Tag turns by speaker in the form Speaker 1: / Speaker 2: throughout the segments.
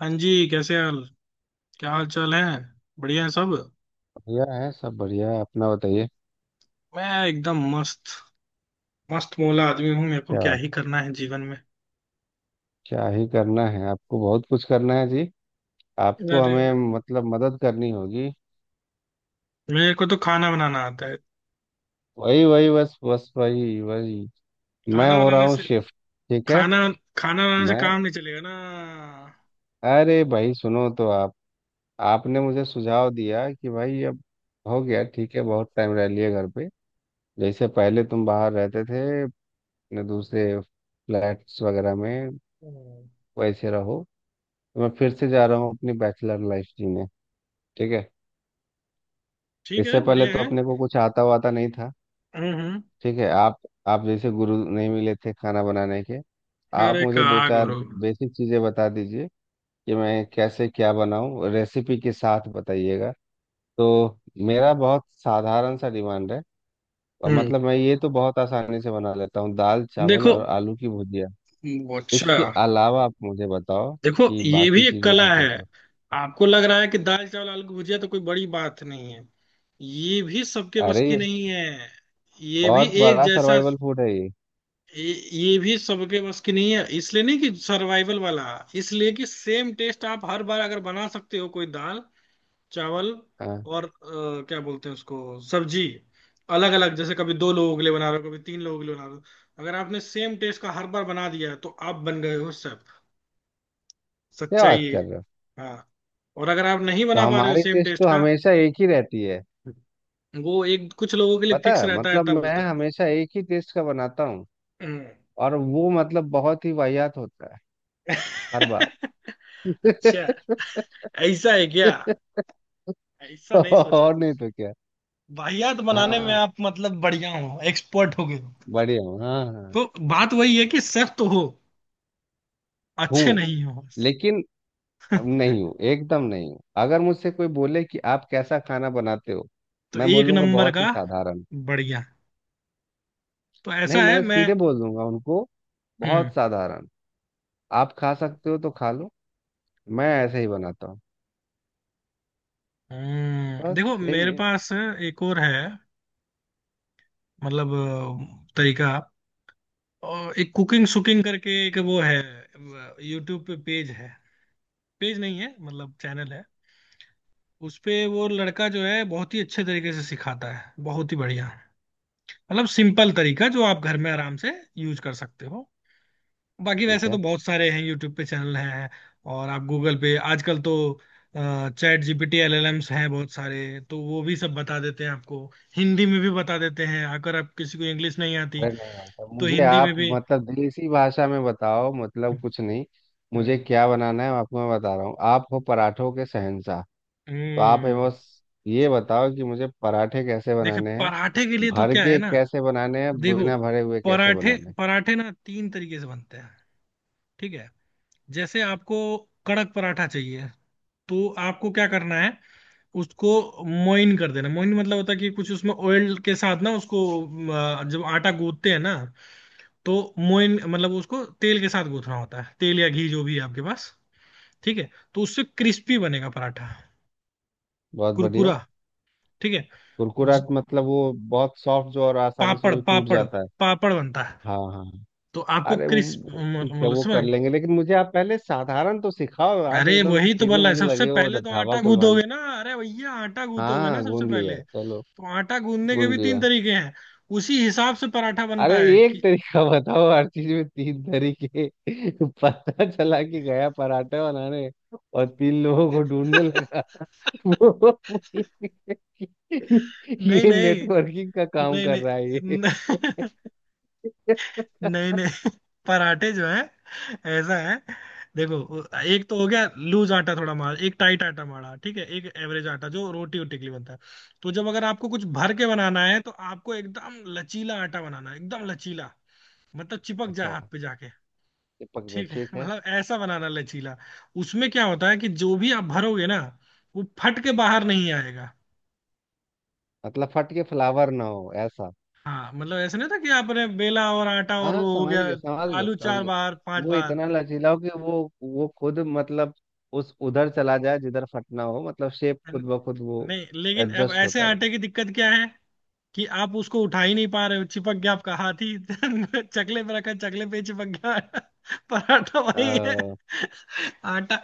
Speaker 1: हाँ जी, कैसे हाल? क्या हाल चाल है? बढ़िया है सब।
Speaker 2: बढ़िया है सब, बढ़िया है। अपना बताइए।
Speaker 1: मैं एकदम मस्त। मस्त मौला आदमी हूँ, मेरे को
Speaker 2: क्या?
Speaker 1: क्या ही करना है जीवन में।
Speaker 2: क्या ही करना है? आपको बहुत कुछ करना है जी। आपको
Speaker 1: अरे,
Speaker 2: हमें, मतलब, मदद करनी होगी।
Speaker 1: मेरे को तो खाना बनाना आता है।
Speaker 2: वही वही, बस बस, वही वही। मैं
Speaker 1: खाना
Speaker 2: हो रहा
Speaker 1: बनाने
Speaker 2: हूँ
Speaker 1: से
Speaker 2: शिफ्ट। ठीक है।
Speaker 1: खाना खाना बनाने से
Speaker 2: मैं
Speaker 1: काम नहीं चलेगा ना।
Speaker 2: अरे भाई सुनो। तो आप आपने मुझे सुझाव दिया कि भाई अब हो गया, ठीक है, बहुत टाइम रह लिया घर पे। जैसे पहले तुम बाहर रहते थे अपने दूसरे फ्लैट्स वगैरह में,
Speaker 1: हम्म।
Speaker 2: वैसे रहो। तो मैं फिर से जा रहा हूँ अपनी बैचलर लाइफ जीने। ठीक है।
Speaker 1: ठीक
Speaker 2: इससे
Speaker 1: है,
Speaker 2: पहले
Speaker 1: बढ़िया
Speaker 2: तो
Speaker 1: है।
Speaker 2: अपने को कुछ आता वाता नहीं था।
Speaker 1: हम्म,
Speaker 2: ठीक है। आप जैसे गुरु नहीं मिले थे खाना बनाने के। आप
Speaker 1: अरे का,
Speaker 2: मुझे दो चार
Speaker 1: गुरु।
Speaker 2: बेसिक चीज़ें बता दीजिए कि मैं कैसे क्या बनाऊं, रेसिपी के साथ बताइएगा। तो मेरा बहुत साधारण सा डिमांड है। और
Speaker 1: हम्म।
Speaker 2: मतलब मैं ये तो बहुत आसानी से बना लेता हूँ दाल चावल
Speaker 1: देखो
Speaker 2: और आलू की भुजिया।
Speaker 1: वो, अच्छा,
Speaker 2: इसके अलावा आप मुझे बताओ
Speaker 1: देखो,
Speaker 2: कि
Speaker 1: ये
Speaker 2: बाकी
Speaker 1: भी एक
Speaker 2: चीज़ों
Speaker 1: कला
Speaker 2: को
Speaker 1: है।
Speaker 2: कैसे।
Speaker 1: आपको लग रहा है कि दाल चावल आलू की भुजिया तो कोई बड़ी बात नहीं है, ये भी सबके बस
Speaker 2: अरे
Speaker 1: की
Speaker 2: ये
Speaker 1: नहीं है। ये भी
Speaker 2: बहुत
Speaker 1: एक
Speaker 2: बड़ा
Speaker 1: जैसा,
Speaker 2: सर्वाइवल फूड है ये।
Speaker 1: ये भी सबके बस की नहीं है, इसलिए नहीं कि सर्वाइवल वाला, इसलिए कि सेम टेस्ट आप हर बार अगर बना सकते हो कोई दाल चावल
Speaker 2: हाँ,
Speaker 1: और क्या बोलते हैं उसको, सब्जी। अलग अलग, जैसे कभी दो लोगों के लिए बना रहे हो, कभी तीन लोगों के लिए बना रहे हो, अगर आपने सेम टेस्ट का हर बार बना दिया है तो आप बन गए हो शेफ।
Speaker 2: क्या
Speaker 1: सच्चाई
Speaker 2: बात
Speaker 1: है।
Speaker 2: कर रहे हो।
Speaker 1: हाँ। और अगर आप नहीं
Speaker 2: तो
Speaker 1: बना पा रहे हो
Speaker 2: हमारी
Speaker 1: सेम
Speaker 2: टेस्ट
Speaker 1: टेस्ट
Speaker 2: तो
Speaker 1: का,
Speaker 2: हमेशा एक ही रहती है।
Speaker 1: वो एक कुछ लोगों के लिए
Speaker 2: पता
Speaker 1: फिक्स
Speaker 2: है?
Speaker 1: रहता है,
Speaker 2: मतलब
Speaker 1: तब
Speaker 2: मैं
Speaker 1: होता है।
Speaker 2: हमेशा एक ही टेस्ट का बनाता हूँ।
Speaker 1: हम्म।
Speaker 2: और वो मतलब बहुत ही वाहियात होता है हर बार।
Speaker 1: अच्छा, ऐसा है क्या? ऐसा नहीं सोचा
Speaker 2: और नहीं
Speaker 1: था।
Speaker 2: तो क्या।
Speaker 1: वाहियात बनाने में
Speaker 2: हाँ,
Speaker 1: आप मतलब बढ़िया हो, एक्सपर्ट हो गए हो।
Speaker 2: बढ़िया हूँ। हाँ हाँ।
Speaker 1: तो बात वही है कि सिर्फ तो हो, अच्छे
Speaker 2: हूँ,
Speaker 1: नहीं हो बस।
Speaker 2: लेकिन नहीं हूँ, एकदम नहीं हूँ। अगर मुझसे कोई बोले कि आप कैसा खाना बनाते हो,
Speaker 1: तो
Speaker 2: मैं
Speaker 1: एक
Speaker 2: बोलूंगा
Speaker 1: नंबर
Speaker 2: बहुत
Speaker 1: का।
Speaker 2: ही साधारण।
Speaker 1: बढ़िया। तो
Speaker 2: नहीं,
Speaker 1: ऐसा है
Speaker 2: मैं
Speaker 1: मैं।
Speaker 2: सीधे बोल दूंगा उनको,
Speaker 1: हम्म।
Speaker 2: बहुत साधारण। आप खा सकते हो तो खा लो। मैं ऐसे ही बनाता हूँ।
Speaker 1: देखो,
Speaker 2: बस यही
Speaker 1: मेरे
Speaker 2: है।
Speaker 1: पास एक और है, मतलब तरीका। और एक कुकिंग सुकिंग करके एक वो है, यूट्यूब पे पेज है, पेज नहीं है मतलब चैनल है। उस पे वो लड़का जो है बहुत ही अच्छे तरीके से सिखाता है, बहुत ही बढ़िया। मतलब सिंपल तरीका जो आप घर में आराम से यूज कर सकते हो। बाकी
Speaker 2: ठीक
Speaker 1: वैसे तो
Speaker 2: है।
Speaker 1: बहुत सारे हैं, यूट्यूब पे चैनल हैं। और आप गूगल पे आजकल तो, चैट जीपीटी एलएलएम्स हैं बहुत सारे, तो वो भी सब बता देते हैं आपको। हिंदी में भी बता देते हैं, अगर आप किसी को इंग्लिश नहीं आती
Speaker 2: अरे नहीं भाई साहब,
Speaker 1: तो
Speaker 2: मुझे
Speaker 1: हिंदी
Speaker 2: आप,
Speaker 1: में भी।
Speaker 2: मतलब, देसी भाषा में बताओ, मतलब कुछ नहीं। मुझे
Speaker 1: हम्म,
Speaker 2: क्या बनाना है आपको मैं बता रहा हूँ। आप हो पराठों के शहंशाह। तो आप है
Speaker 1: हम्म।
Speaker 2: बस, ये बताओ कि मुझे पराठे कैसे
Speaker 1: देखो,
Speaker 2: बनाने हैं,
Speaker 1: पराठे के लिए तो
Speaker 2: भर
Speaker 1: क्या है
Speaker 2: के
Speaker 1: ना,
Speaker 2: कैसे बनाने हैं,
Speaker 1: देखो,
Speaker 2: बिना भरे हुए कैसे
Speaker 1: पराठे
Speaker 2: बनाने हैं।
Speaker 1: पराठे ना तीन तरीके से बनते हैं। ठीक है। जैसे आपको कड़क पराठा चाहिए, तो आपको क्या करना है, उसको मोइन कर देना। मोइन मतलब होता है कि कुछ उसमें ऑयल के साथ ना उसको, जब आटा गूंथते हैं ना, तो मोइन मतलब उसको तेल के साथ गूंथना होता है, तेल या घी जो भी है आपके पास। ठीक है। तो उससे क्रिस्पी बनेगा पराठा,
Speaker 2: बहुत
Speaker 1: कुरकुरा।
Speaker 2: बढ़िया।
Speaker 1: ठीक है।
Speaker 2: कुरकुरा
Speaker 1: ज-
Speaker 2: मतलब वो बहुत सॉफ्ट जो और आसानी से
Speaker 1: पापड़,
Speaker 2: जो टूट
Speaker 1: पापड़
Speaker 2: जाता है।
Speaker 1: पापड़ बनता है।
Speaker 2: हाँ हाँ हाँ।
Speaker 1: तो आपको
Speaker 2: अरे वो
Speaker 1: क्रिस्प
Speaker 2: वो ठीक है,
Speaker 1: मतलब
Speaker 2: वो कर
Speaker 1: समझ।
Speaker 2: लेंगे, लेकिन मुझे आप पहले साधारण तो सिखाओ। आप
Speaker 1: अरे
Speaker 2: एकदम से
Speaker 1: वही तो
Speaker 2: सीधे
Speaker 1: बोल रहा है,
Speaker 2: मुझे
Speaker 1: सबसे
Speaker 2: लगे हो
Speaker 1: पहले तो
Speaker 2: ढाबा
Speaker 1: आटा
Speaker 2: खुलवाने।
Speaker 1: गूंदोगे ना, अरे भैया आटा
Speaker 2: हाँ
Speaker 1: गूंदोगे
Speaker 2: हाँ
Speaker 1: ना
Speaker 2: हाँ,
Speaker 1: सबसे
Speaker 2: गूंद
Speaker 1: पहले।
Speaker 2: लिया, चलो।
Speaker 1: तो आटा गूंदने के
Speaker 2: गूंद
Speaker 1: भी तीन
Speaker 2: लिया।
Speaker 1: तरीके हैं, उसी हिसाब से पराठा
Speaker 2: अरे
Speaker 1: बनता है
Speaker 2: एक
Speaker 1: कि।
Speaker 2: तरीका बताओ, हर चीज में 3 तरीके। पता चला कि गया पराठे बनाने और 3 लोगों को ढूंढने लगा। वो,
Speaker 1: नहीं
Speaker 2: ये
Speaker 1: नहीं,
Speaker 2: नेटवर्किंग का काम
Speaker 1: नहीं
Speaker 2: कर
Speaker 1: नहीं।
Speaker 2: रहा है ये।
Speaker 1: नहीं, नहीं नहीं। पराठे जो है, ऐसा है, देखो, एक तो हो गया लूज आटा थोड़ा मार, एक टाइट आटा मारा, ठीक है, एक एवरेज आटा जो रोटी वोटी के लिए बनता है। तो जब अगर आपको कुछ भर के बनाना है, तो आपको एकदम लचीला आटा बनाना है, एकदम लचीला। मतलब चिपक जाए
Speaker 2: अच्छा,
Speaker 1: हाथ पे जाके।
Speaker 2: चिपक गया,
Speaker 1: ठीक है।
Speaker 2: ठीक है।
Speaker 1: मतलब ऐसा बनाना लचीला। उसमें क्या होता है कि जो भी आप भरोगे ना, वो फट के बाहर नहीं आएगा।
Speaker 2: मतलब फट के फ्लावर ना हो ऐसा।
Speaker 1: हाँ, मतलब ऐसा नहीं था कि आपने बेला और आटा और
Speaker 2: हाँ
Speaker 1: वो हो
Speaker 2: समझ
Speaker 1: गया,
Speaker 2: गया, समझ गया,
Speaker 1: आलू
Speaker 2: समझ
Speaker 1: चार
Speaker 2: गया।
Speaker 1: बार पांच
Speaker 2: वो
Speaker 1: बार।
Speaker 2: इतना लचीला हो कि वो खुद मतलब उस उधर चला जाए जिधर फटना हो, मतलब शेप
Speaker 1: न-
Speaker 2: खुद ब खुद वो
Speaker 1: नहीं, लेकिन अब
Speaker 2: एडजस्ट
Speaker 1: ऐसे
Speaker 2: होता रहे।
Speaker 1: आटे की दिक्कत क्या है कि आप उसको उठा ही नहीं पा रहे हो, चिपक गया आपका हाथ ही। चकले पे रखा, चकले पे ही चिपक गया। पराठा वही है।
Speaker 2: अ,
Speaker 1: आटा,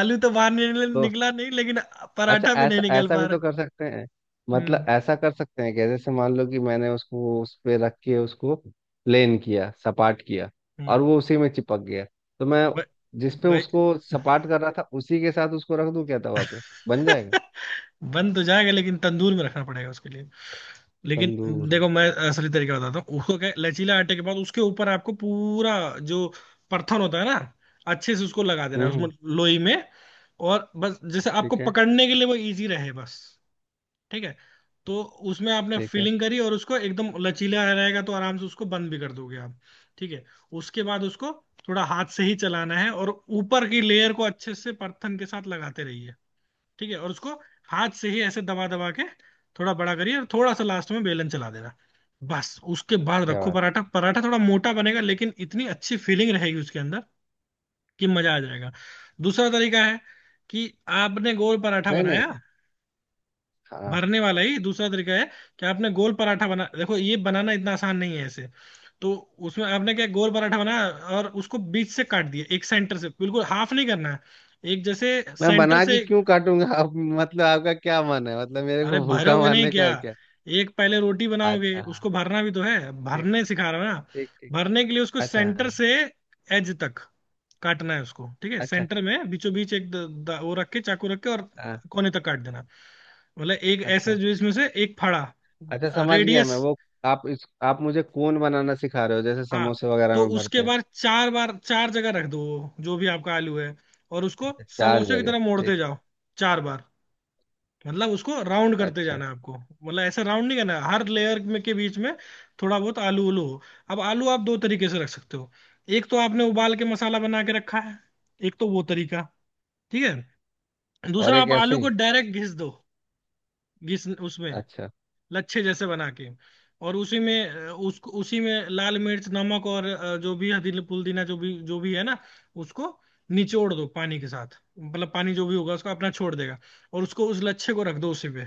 Speaker 1: आलू तो बाहर नहीं
Speaker 2: तो
Speaker 1: निकला नहीं, लेकिन
Speaker 2: अच्छा,
Speaker 1: पराठा भी नहीं
Speaker 2: ऐसा
Speaker 1: निकल
Speaker 2: ऐसा
Speaker 1: पा
Speaker 2: भी
Speaker 1: रहा।
Speaker 2: तो कर सकते हैं। मतलब
Speaker 1: हम्म,
Speaker 2: ऐसा कर सकते हैं कि जैसे मान लो कि मैंने उसको उस पे रख के उसको प्लेन किया, सपाट किया, और
Speaker 1: हम्म।
Speaker 2: वो उसी में चिपक गया, तो मैं
Speaker 1: ब-
Speaker 2: जिस पे
Speaker 1: भाई।
Speaker 2: उसको सपाट कर रहा था उसी के साथ उसको रख दूं क्या तवा पे? बन जाएगा।
Speaker 1: बन तो जाएगा, लेकिन तंदूर में रखना पड़ेगा उसके लिए। लेकिन
Speaker 2: तंदूर।
Speaker 1: देखो, मैं असली तरीका बताता हूँ। उसको क्या है, लचीला आटे के बाद उसके ऊपर आपको पूरा जो परथन होता है ना, अच्छे से उसको लगा देना है
Speaker 2: हम्म।
Speaker 1: उसमें, लोई में। और बस जैसे आपको
Speaker 2: ठीक है,
Speaker 1: पकड़ने के लिए वो इजी रहे, बस। ठीक है। तो उसमें आपने
Speaker 2: ठीक है।
Speaker 1: फिलिंग करी, और उसको एकदम लचीला रहेगा तो आराम से उसको बंद भी कर दोगे आप। ठीक है। उसके बाद उसको थोड़ा हाथ से ही चलाना है, और ऊपर की लेयर को अच्छे से परथन के साथ लगाते रहिए। ठीक है। और उसको हाथ से ही ऐसे दबा दबा के थोड़ा बड़ा करिए, और थोड़ा सा लास्ट में बेलन चला देना। बस उसके बाद
Speaker 2: क्या
Speaker 1: रखो
Speaker 2: बात।
Speaker 1: पराठा। पराठा थोड़ा मोटा बनेगा, लेकिन इतनी अच्छी फीलिंग रहेगी उसके अंदर कि मजा आ जाएगा। दूसरा तरीका है कि आपने गोल पराठा
Speaker 2: नहीं नहीं।
Speaker 1: बनाया,
Speaker 2: हाँ,
Speaker 1: भरने वाला ही दूसरा तरीका है, कि आपने गोल पराठा बना, देखो ये बनाना इतना आसान नहीं है ऐसे। तो उसमें आपने क्या, गोल पराठा बनाया और उसको बीच से काट दिया, एक सेंटर से, बिल्कुल हाफ नहीं करना है, एक जैसे
Speaker 2: मैं
Speaker 1: सेंटर
Speaker 2: बना के
Speaker 1: से।
Speaker 2: क्यों काटूंगा? आप मतलब आपका क्या मन है, मतलब मेरे
Speaker 1: अरे
Speaker 2: को भूखा
Speaker 1: भरोगे नहीं
Speaker 2: मारने का
Speaker 1: क्या,
Speaker 2: है क्या?
Speaker 1: एक पहले रोटी बनाओगे,
Speaker 2: अच्छा हाँ।
Speaker 1: उसको भरना भी तो है,
Speaker 2: ठीक,
Speaker 1: भरने सिखा रहा हूं ना।
Speaker 2: ठीक ठीक।
Speaker 1: भरने के लिए उसको
Speaker 2: अच्छा
Speaker 1: सेंटर
Speaker 2: हाँ।
Speaker 1: से एज तक काटना है उसको, ठीक है,
Speaker 2: अच्छा
Speaker 1: सेंटर में बीचों बीच एक द, द, वो रख के, चाकू रख के और
Speaker 2: हाँ।
Speaker 1: कोने तक काट देना। मतलब एक ऐसे
Speaker 2: अच्छा
Speaker 1: जो इसमें से एक फाड़ा,
Speaker 2: अच्छा, समझ गया
Speaker 1: रेडियस।
Speaker 2: मैं वो। आप मुझे कोन बनाना सिखा रहे हो जैसे
Speaker 1: हाँ।
Speaker 2: समोसे वगैरह
Speaker 1: तो
Speaker 2: में भरते
Speaker 1: उसके
Speaker 2: हैं।
Speaker 1: बाद चार बार चार जगह रख दो वो, जो भी आपका आलू है, और उसको
Speaker 2: चार
Speaker 1: समोसे की
Speaker 2: जगह
Speaker 1: तरह मोड़ते
Speaker 2: ठीक।
Speaker 1: जाओ चार बार। मतलब उसको राउंड करते
Speaker 2: अच्छा।
Speaker 1: जाना है आपको, मतलब ऐसा राउंड नहीं करना है, हर लेयर में के बीच में थोड़ा बहुत आलू उलू हो। अब आलू आप दो तरीके से रख सकते हो। एक तो आपने उबाल के मसाला बना के रखा है, एक तो वो तरीका, ठीक है।
Speaker 2: और
Speaker 1: दूसरा,
Speaker 2: एक
Speaker 1: आप
Speaker 2: ऐसे
Speaker 1: आलू को
Speaker 2: ही।
Speaker 1: डायरेक्ट घिस दो, घिस उसमें
Speaker 2: अच्छा,
Speaker 1: लच्छे जैसे बना के। और उसी में उसको उसी में लाल मिर्च नमक और जो भी हल्दी पुदीना जो भी है ना, उसको निचोड़ दो पानी के साथ, मतलब पानी जो भी होगा उसको अपना छोड़ देगा। और उसको उस लच्छे को रख दो उसी पे,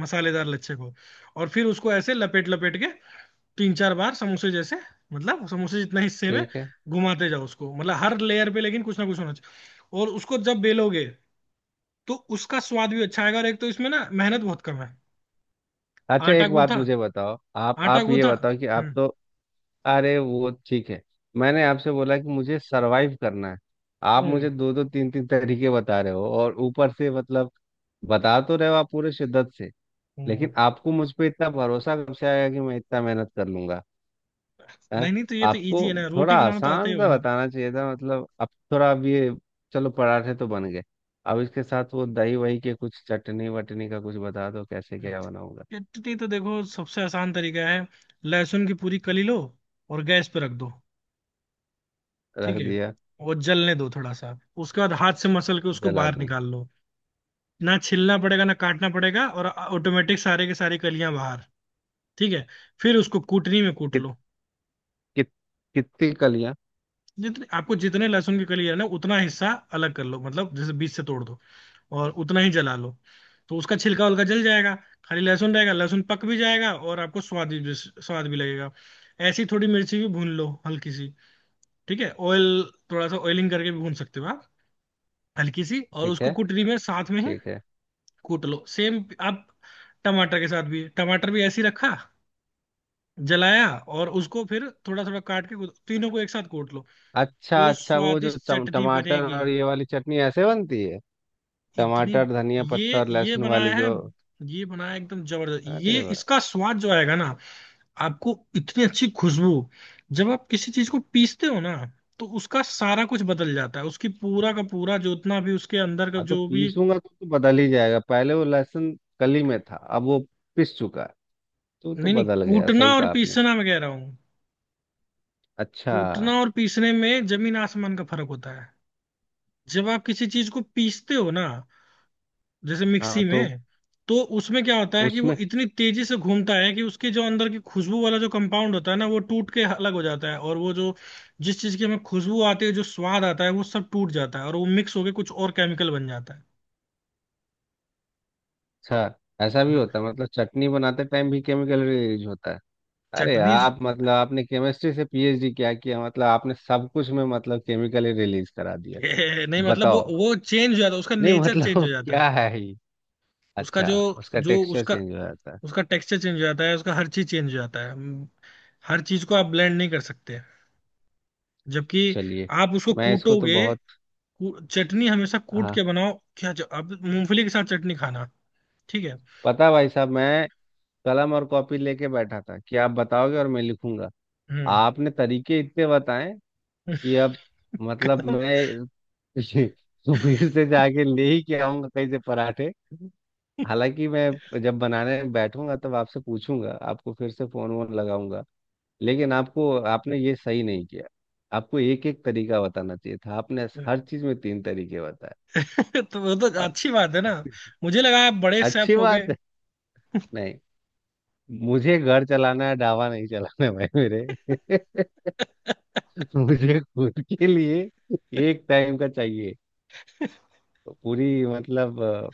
Speaker 1: मसालेदार लच्छे को, और फिर उसको ऐसे लपेट लपेट के तीन चार बार समोसे जैसे, मतलब समोसे जितना हिस्से में
Speaker 2: ठीक है।
Speaker 1: घुमाते जाओ उसको, मतलब हर लेयर पे लेकिन कुछ ना कुछ होना चाहिए। और उसको जब बेलोगे, तो उसका स्वाद भी अच्छा आएगा, और एक तो इसमें ना मेहनत बहुत कम है।
Speaker 2: अच्छा,
Speaker 1: आटा
Speaker 2: एक बात
Speaker 1: गूंथा,
Speaker 2: मुझे बताओ, आप
Speaker 1: आटा
Speaker 2: आप ये
Speaker 1: गूंथा।
Speaker 2: बताओ कि आप
Speaker 1: हम्म,
Speaker 2: तो। अरे वो ठीक है, मैंने आपसे बोला कि मुझे सरवाइव करना है। आप मुझे
Speaker 1: हम्म,
Speaker 2: दो दो तीन तीन तरीके बता रहे हो और ऊपर से, मतलब, बता तो रहे हो आप पूरे शिद्दत से।
Speaker 1: हम्म।
Speaker 2: लेकिन आपको मुझ पे इतना भरोसा कब से आया कि मैं इतना मेहनत कर लूंगा? हैं?
Speaker 1: नहीं नहीं, तो ये तो
Speaker 2: आपको
Speaker 1: इजी है ना,
Speaker 2: थोड़ा
Speaker 1: रोटी बनाना तो आता ही
Speaker 2: आसान
Speaker 1: होगा
Speaker 2: सा
Speaker 1: ना।
Speaker 2: बताना चाहिए था। मतलब अब थोड़ा अब ये, चलो पराठे तो बन गए। अब इसके साथ वो दही वही के कुछ, चटनी वटनी का कुछ बता दो कैसे क्या बनाऊंगा।
Speaker 1: चटनी तो देखो, सबसे आसान तरीका है, लहसुन की पूरी कली लो और गैस पे रख दो। ठीक
Speaker 2: रख
Speaker 1: है।
Speaker 2: दिया।
Speaker 1: और जलने दो थोड़ा सा, उसके बाद हाथ से मसल के उसको
Speaker 2: जला
Speaker 1: बाहर
Speaker 2: दूं।
Speaker 1: निकाल लो, ना छिलना पड़ेगा ना काटना पड़ेगा, और ऑटोमेटिक सारे के सारे कलियां बाहर। ठीक है। फिर उसको कूटनी में कूट
Speaker 2: कित
Speaker 1: लो।
Speaker 2: कित कितनी कलियां।
Speaker 1: जितने आपको, जितने लहसुन की कली है ना, उतना हिस्सा अलग कर लो, मतलब जैसे बीच से तोड़ दो, और उतना ही जला लो। तो उसका छिलका उलका जल जाएगा, खाली लहसुन रहेगा, लहसुन पक भी जाएगा, और आपको स्वाद भी, स्वाद भी लगेगा। ऐसी थोड़ी मिर्ची भी भून लो हल्की सी। ठीक है, ऑयल थोड़ा सा ऑयलिंग करके भी भून सकते हो आप, हल्की सी, और
Speaker 2: ठीक
Speaker 1: उसको
Speaker 2: है,
Speaker 1: कुटरी में साथ में ही
Speaker 2: ठीक है।
Speaker 1: कूट लो, सेम। आप टमाटर के साथ भी, टमाटर भी ऐसे ही रखा, जलाया, और उसको फिर थोड़ा थोड़ा काट के तीनों को एक साथ कूट लो।
Speaker 2: अच्छा
Speaker 1: जो
Speaker 2: अच्छा, वो जो
Speaker 1: स्वादिष्ट चटनी
Speaker 2: टमाटर
Speaker 1: बनेगी,
Speaker 2: और ये वाली चटनी ऐसे बनती है?
Speaker 1: इतनी।
Speaker 2: टमाटर धनिया पत्ता और
Speaker 1: ये
Speaker 2: लहसुन वाली
Speaker 1: बनाया है,
Speaker 2: जो?
Speaker 1: ये बनाया है एकदम जबरदस्त, ये
Speaker 2: अरे वाह।
Speaker 1: इसका स्वाद जो आएगा ना आपको, इतनी अच्छी खुशबू। जब आप किसी चीज को पीसते हो ना, तो उसका सारा कुछ बदल जाता है, उसकी पूरा का पूरा जो उतना भी उसके अंदर का
Speaker 2: हाँ तो
Speaker 1: जो भी।
Speaker 2: पीसूंगा तो बदल ही जाएगा। पहले वो लहसुन कली में था अब वो पिस चुका है, तो
Speaker 1: नहीं नहीं,
Speaker 2: बदल गया,
Speaker 1: कूटना
Speaker 2: सही
Speaker 1: और
Speaker 2: कहा आपने।
Speaker 1: पीसना मैं कह रहा हूँ,
Speaker 2: अच्छा।
Speaker 1: कूटना और पीसने में जमीन आसमान का फर्क होता है। जब आप किसी चीज को पीसते हो ना जैसे मिक्सी
Speaker 2: हाँ तो
Speaker 1: में, तो उसमें क्या होता है कि वो
Speaker 2: उसमें।
Speaker 1: इतनी तेजी से घूमता है कि उसके जो अंदर की खुशबू वाला जो कंपाउंड होता है ना, वो टूट के अलग हो जाता है, और वो जो जिस चीज की हमें खुशबू आती है, जो स्वाद आता है, वो सब टूट जाता है और वो मिक्स होके कुछ और केमिकल बन जाता है।
Speaker 2: अच्छा, ऐसा भी
Speaker 1: हाँ,
Speaker 2: होता है मतलब चटनी बनाते टाइम भी केमिकल यूज होता है? अरे
Speaker 1: चटनी।
Speaker 2: आप मतलब आपने केमिस्ट्री से पीएचडी क्या किया, मतलब आपने सब कुछ में मतलब केमिकल ही रिलीज करा दिया।
Speaker 1: ये नहीं, मतलब वो
Speaker 2: बताओ।
Speaker 1: वो चेंज हो जाता है, उसका
Speaker 2: नहीं
Speaker 1: नेचर चेंज
Speaker 2: मतलब
Speaker 1: हो जाता है।
Speaker 2: क्या है।
Speaker 1: उसका
Speaker 2: अच्छा।
Speaker 1: जो,
Speaker 2: उसका
Speaker 1: जो
Speaker 2: टेक्सचर
Speaker 1: उसका,
Speaker 2: चेंज हो जाता है।
Speaker 1: उसका टेक्सचर चेंज हो जाता है, उसका हर चीज चेंज हो जाता है। हर चीज को आप ब्लेंड नहीं कर सकते, जबकि
Speaker 2: चलिए,
Speaker 1: आप उसको
Speaker 2: मैं इसको तो
Speaker 1: कूटोगे।
Speaker 2: बहुत,
Speaker 1: चटनी हमेशा कूट
Speaker 2: हाँ।
Speaker 1: के बनाओ क्या, जो अब मूंगफली के साथ चटनी खाना। ठीक है।
Speaker 2: पता है भाई साहब, मैं कलम और कॉपी लेके बैठा था कि आप बताओगे और मैं लिखूंगा।
Speaker 1: हम्म।
Speaker 2: आपने तरीके इतने बताए कि अब मतलब मैं सुबीर से जाके ले ही के आऊंगा कहीं से पराठे। हालांकि मैं जब बनाने बैठूंगा तब आपसे पूछूंगा, आपको फिर से फोन वोन लगाऊंगा। लेकिन आपको आपने ये सही नहीं किया। आपको एक एक तरीका बताना चाहिए था, आपने हर चीज में तीन तरीके बताए।
Speaker 1: तो वो तो अच्छी बात है ना, मुझे लगा आप बड़े
Speaker 2: अच्छी
Speaker 1: शेफ हो गए।
Speaker 2: बात है। नहीं, मुझे घर चलाना है, ढाबा नहीं चलाना है भाई मेरे। मुझे खुद के लिए एक टाइम का चाहिए, तो पूरी मतलब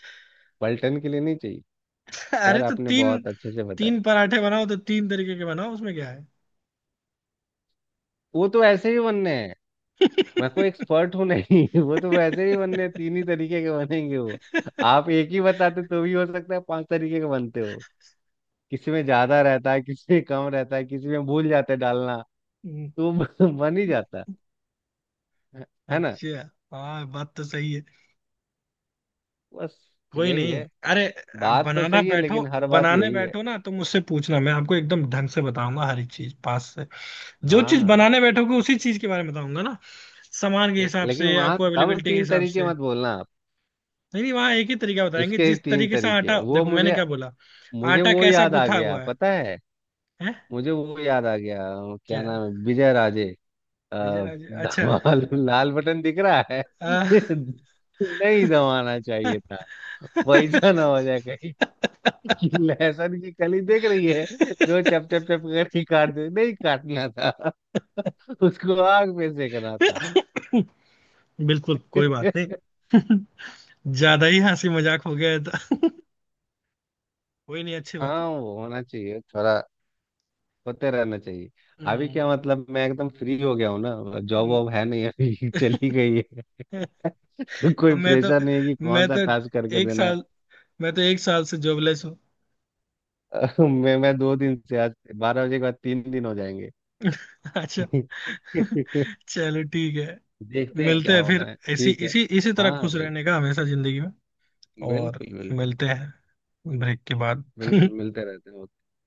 Speaker 2: पलटन के लिए नहीं चाहिए।
Speaker 1: अरे
Speaker 2: खैर
Speaker 1: तो
Speaker 2: आपने
Speaker 1: तीन,
Speaker 2: बहुत अच्छे से बताया।
Speaker 1: तीन पराठे बनाओ तो तीन तरीके के बनाओ, उसमें क्या है।
Speaker 2: वो तो ऐसे ही बनने हैं, मैं कोई एक्सपर्ट हूँ नहीं। वो तो वैसे ही बनने हैं, तीन ही तरीके के बनेंगे वो। आप एक ही बताते तो भी हो सकता है 5 तरीके के बनते हो। किसी में ज्यादा रहता है, किसी में कम रहता है, किसी में भूल जाते हैं डालना,
Speaker 1: हम्म,
Speaker 2: तो बन ही जाता है। है ना?
Speaker 1: अच्छा, हाँ बात तो सही है।
Speaker 2: बस
Speaker 1: कोई
Speaker 2: यही
Speaker 1: नहीं।
Speaker 2: है।
Speaker 1: अरे, अब
Speaker 2: बात तो
Speaker 1: बनाना
Speaker 2: सही है
Speaker 1: बैठो,
Speaker 2: लेकिन हर बात
Speaker 1: बनाने
Speaker 2: यही है।
Speaker 1: बैठो ना तो मुझसे पूछना, मैं आपको एकदम ढंग से बताऊंगा हर एक चीज पास से, जो चीज
Speaker 2: हाँ
Speaker 1: बनाने बैठोगे उसी चीज के बारे में बताऊंगा ना, सामान के
Speaker 2: ठीक,
Speaker 1: हिसाब
Speaker 2: लेकिन
Speaker 1: से
Speaker 2: वहां
Speaker 1: आपको,
Speaker 2: तब
Speaker 1: अवेलेबिलिटी के
Speaker 2: तीन
Speaker 1: हिसाब
Speaker 2: तरीके
Speaker 1: से।
Speaker 2: मत बोलना आप।
Speaker 1: नहीं नहीं, वहाँ एक ही तरीका बताएंगे,
Speaker 2: इसके ही
Speaker 1: जिस
Speaker 2: तीन
Speaker 1: तरीके से
Speaker 2: तरीके
Speaker 1: आटा,
Speaker 2: वो,
Speaker 1: देखो मैंने
Speaker 2: मुझे
Speaker 1: क्या बोला,
Speaker 2: मुझे
Speaker 1: आटा
Speaker 2: वो
Speaker 1: कैसा
Speaker 2: याद आ
Speaker 1: गुथा
Speaker 2: गया,
Speaker 1: हुआ है,
Speaker 2: पता है,
Speaker 1: हैं?
Speaker 2: मुझे वो याद आ गया, क्या
Speaker 1: क्या?
Speaker 2: नाम है, विजय राजे। अ,
Speaker 1: विजय राजे, अच्छा।
Speaker 2: धमाल लाल बटन दिख रहा है।
Speaker 1: आ,
Speaker 2: नहीं दबाना चाहिए था, वैसा ना हो जाए कहीं। लहसुन की कली देख रही है जो चप चप चप करके काट दे, नहीं काटना था। उसको आग में सेकना था।
Speaker 1: बिल्कुल, कोई बात नहीं। ज्यादा ही हंसी मजाक हो गया था। कोई नहीं, अच्छी बात है।
Speaker 2: हाँ वो होना चाहिए थोड़ा, होते रहना चाहिए। अभी
Speaker 1: हम्म,
Speaker 2: क्या मतलब मैं एकदम फ्री हो गया हूँ ना, जॉब
Speaker 1: हम्म।
Speaker 2: वॉब है नहीं अभी, चली गई है। तो कोई
Speaker 1: मैं तो,
Speaker 2: प्रेशर नहीं है कि कौन
Speaker 1: मैं
Speaker 2: सा
Speaker 1: तो
Speaker 2: टास्क करके
Speaker 1: एक
Speaker 2: देना है।
Speaker 1: साल, मैं तो एक साल से जॉबलेस हूँ।
Speaker 2: मैं 2 दिन से, आज 12 बजे के बाद 3 दिन हो जाएंगे।
Speaker 1: अच्छा, चलो ठीक है।
Speaker 2: देखते हैं
Speaker 1: मिलते
Speaker 2: क्या
Speaker 1: हैं
Speaker 2: होना
Speaker 1: फिर,
Speaker 2: है,
Speaker 1: इसी
Speaker 2: ठीक है।
Speaker 1: इसी इसी तरह
Speaker 2: हाँ हाँ
Speaker 1: खुश
Speaker 2: बिल्कुल।
Speaker 1: रहने का हमेशा जिंदगी में। और
Speaker 2: बिल्कुल बिल्कुल।
Speaker 1: मिलते हैं ब्रेक के बाद।
Speaker 2: बिल्कुल मिलते रहते हैं।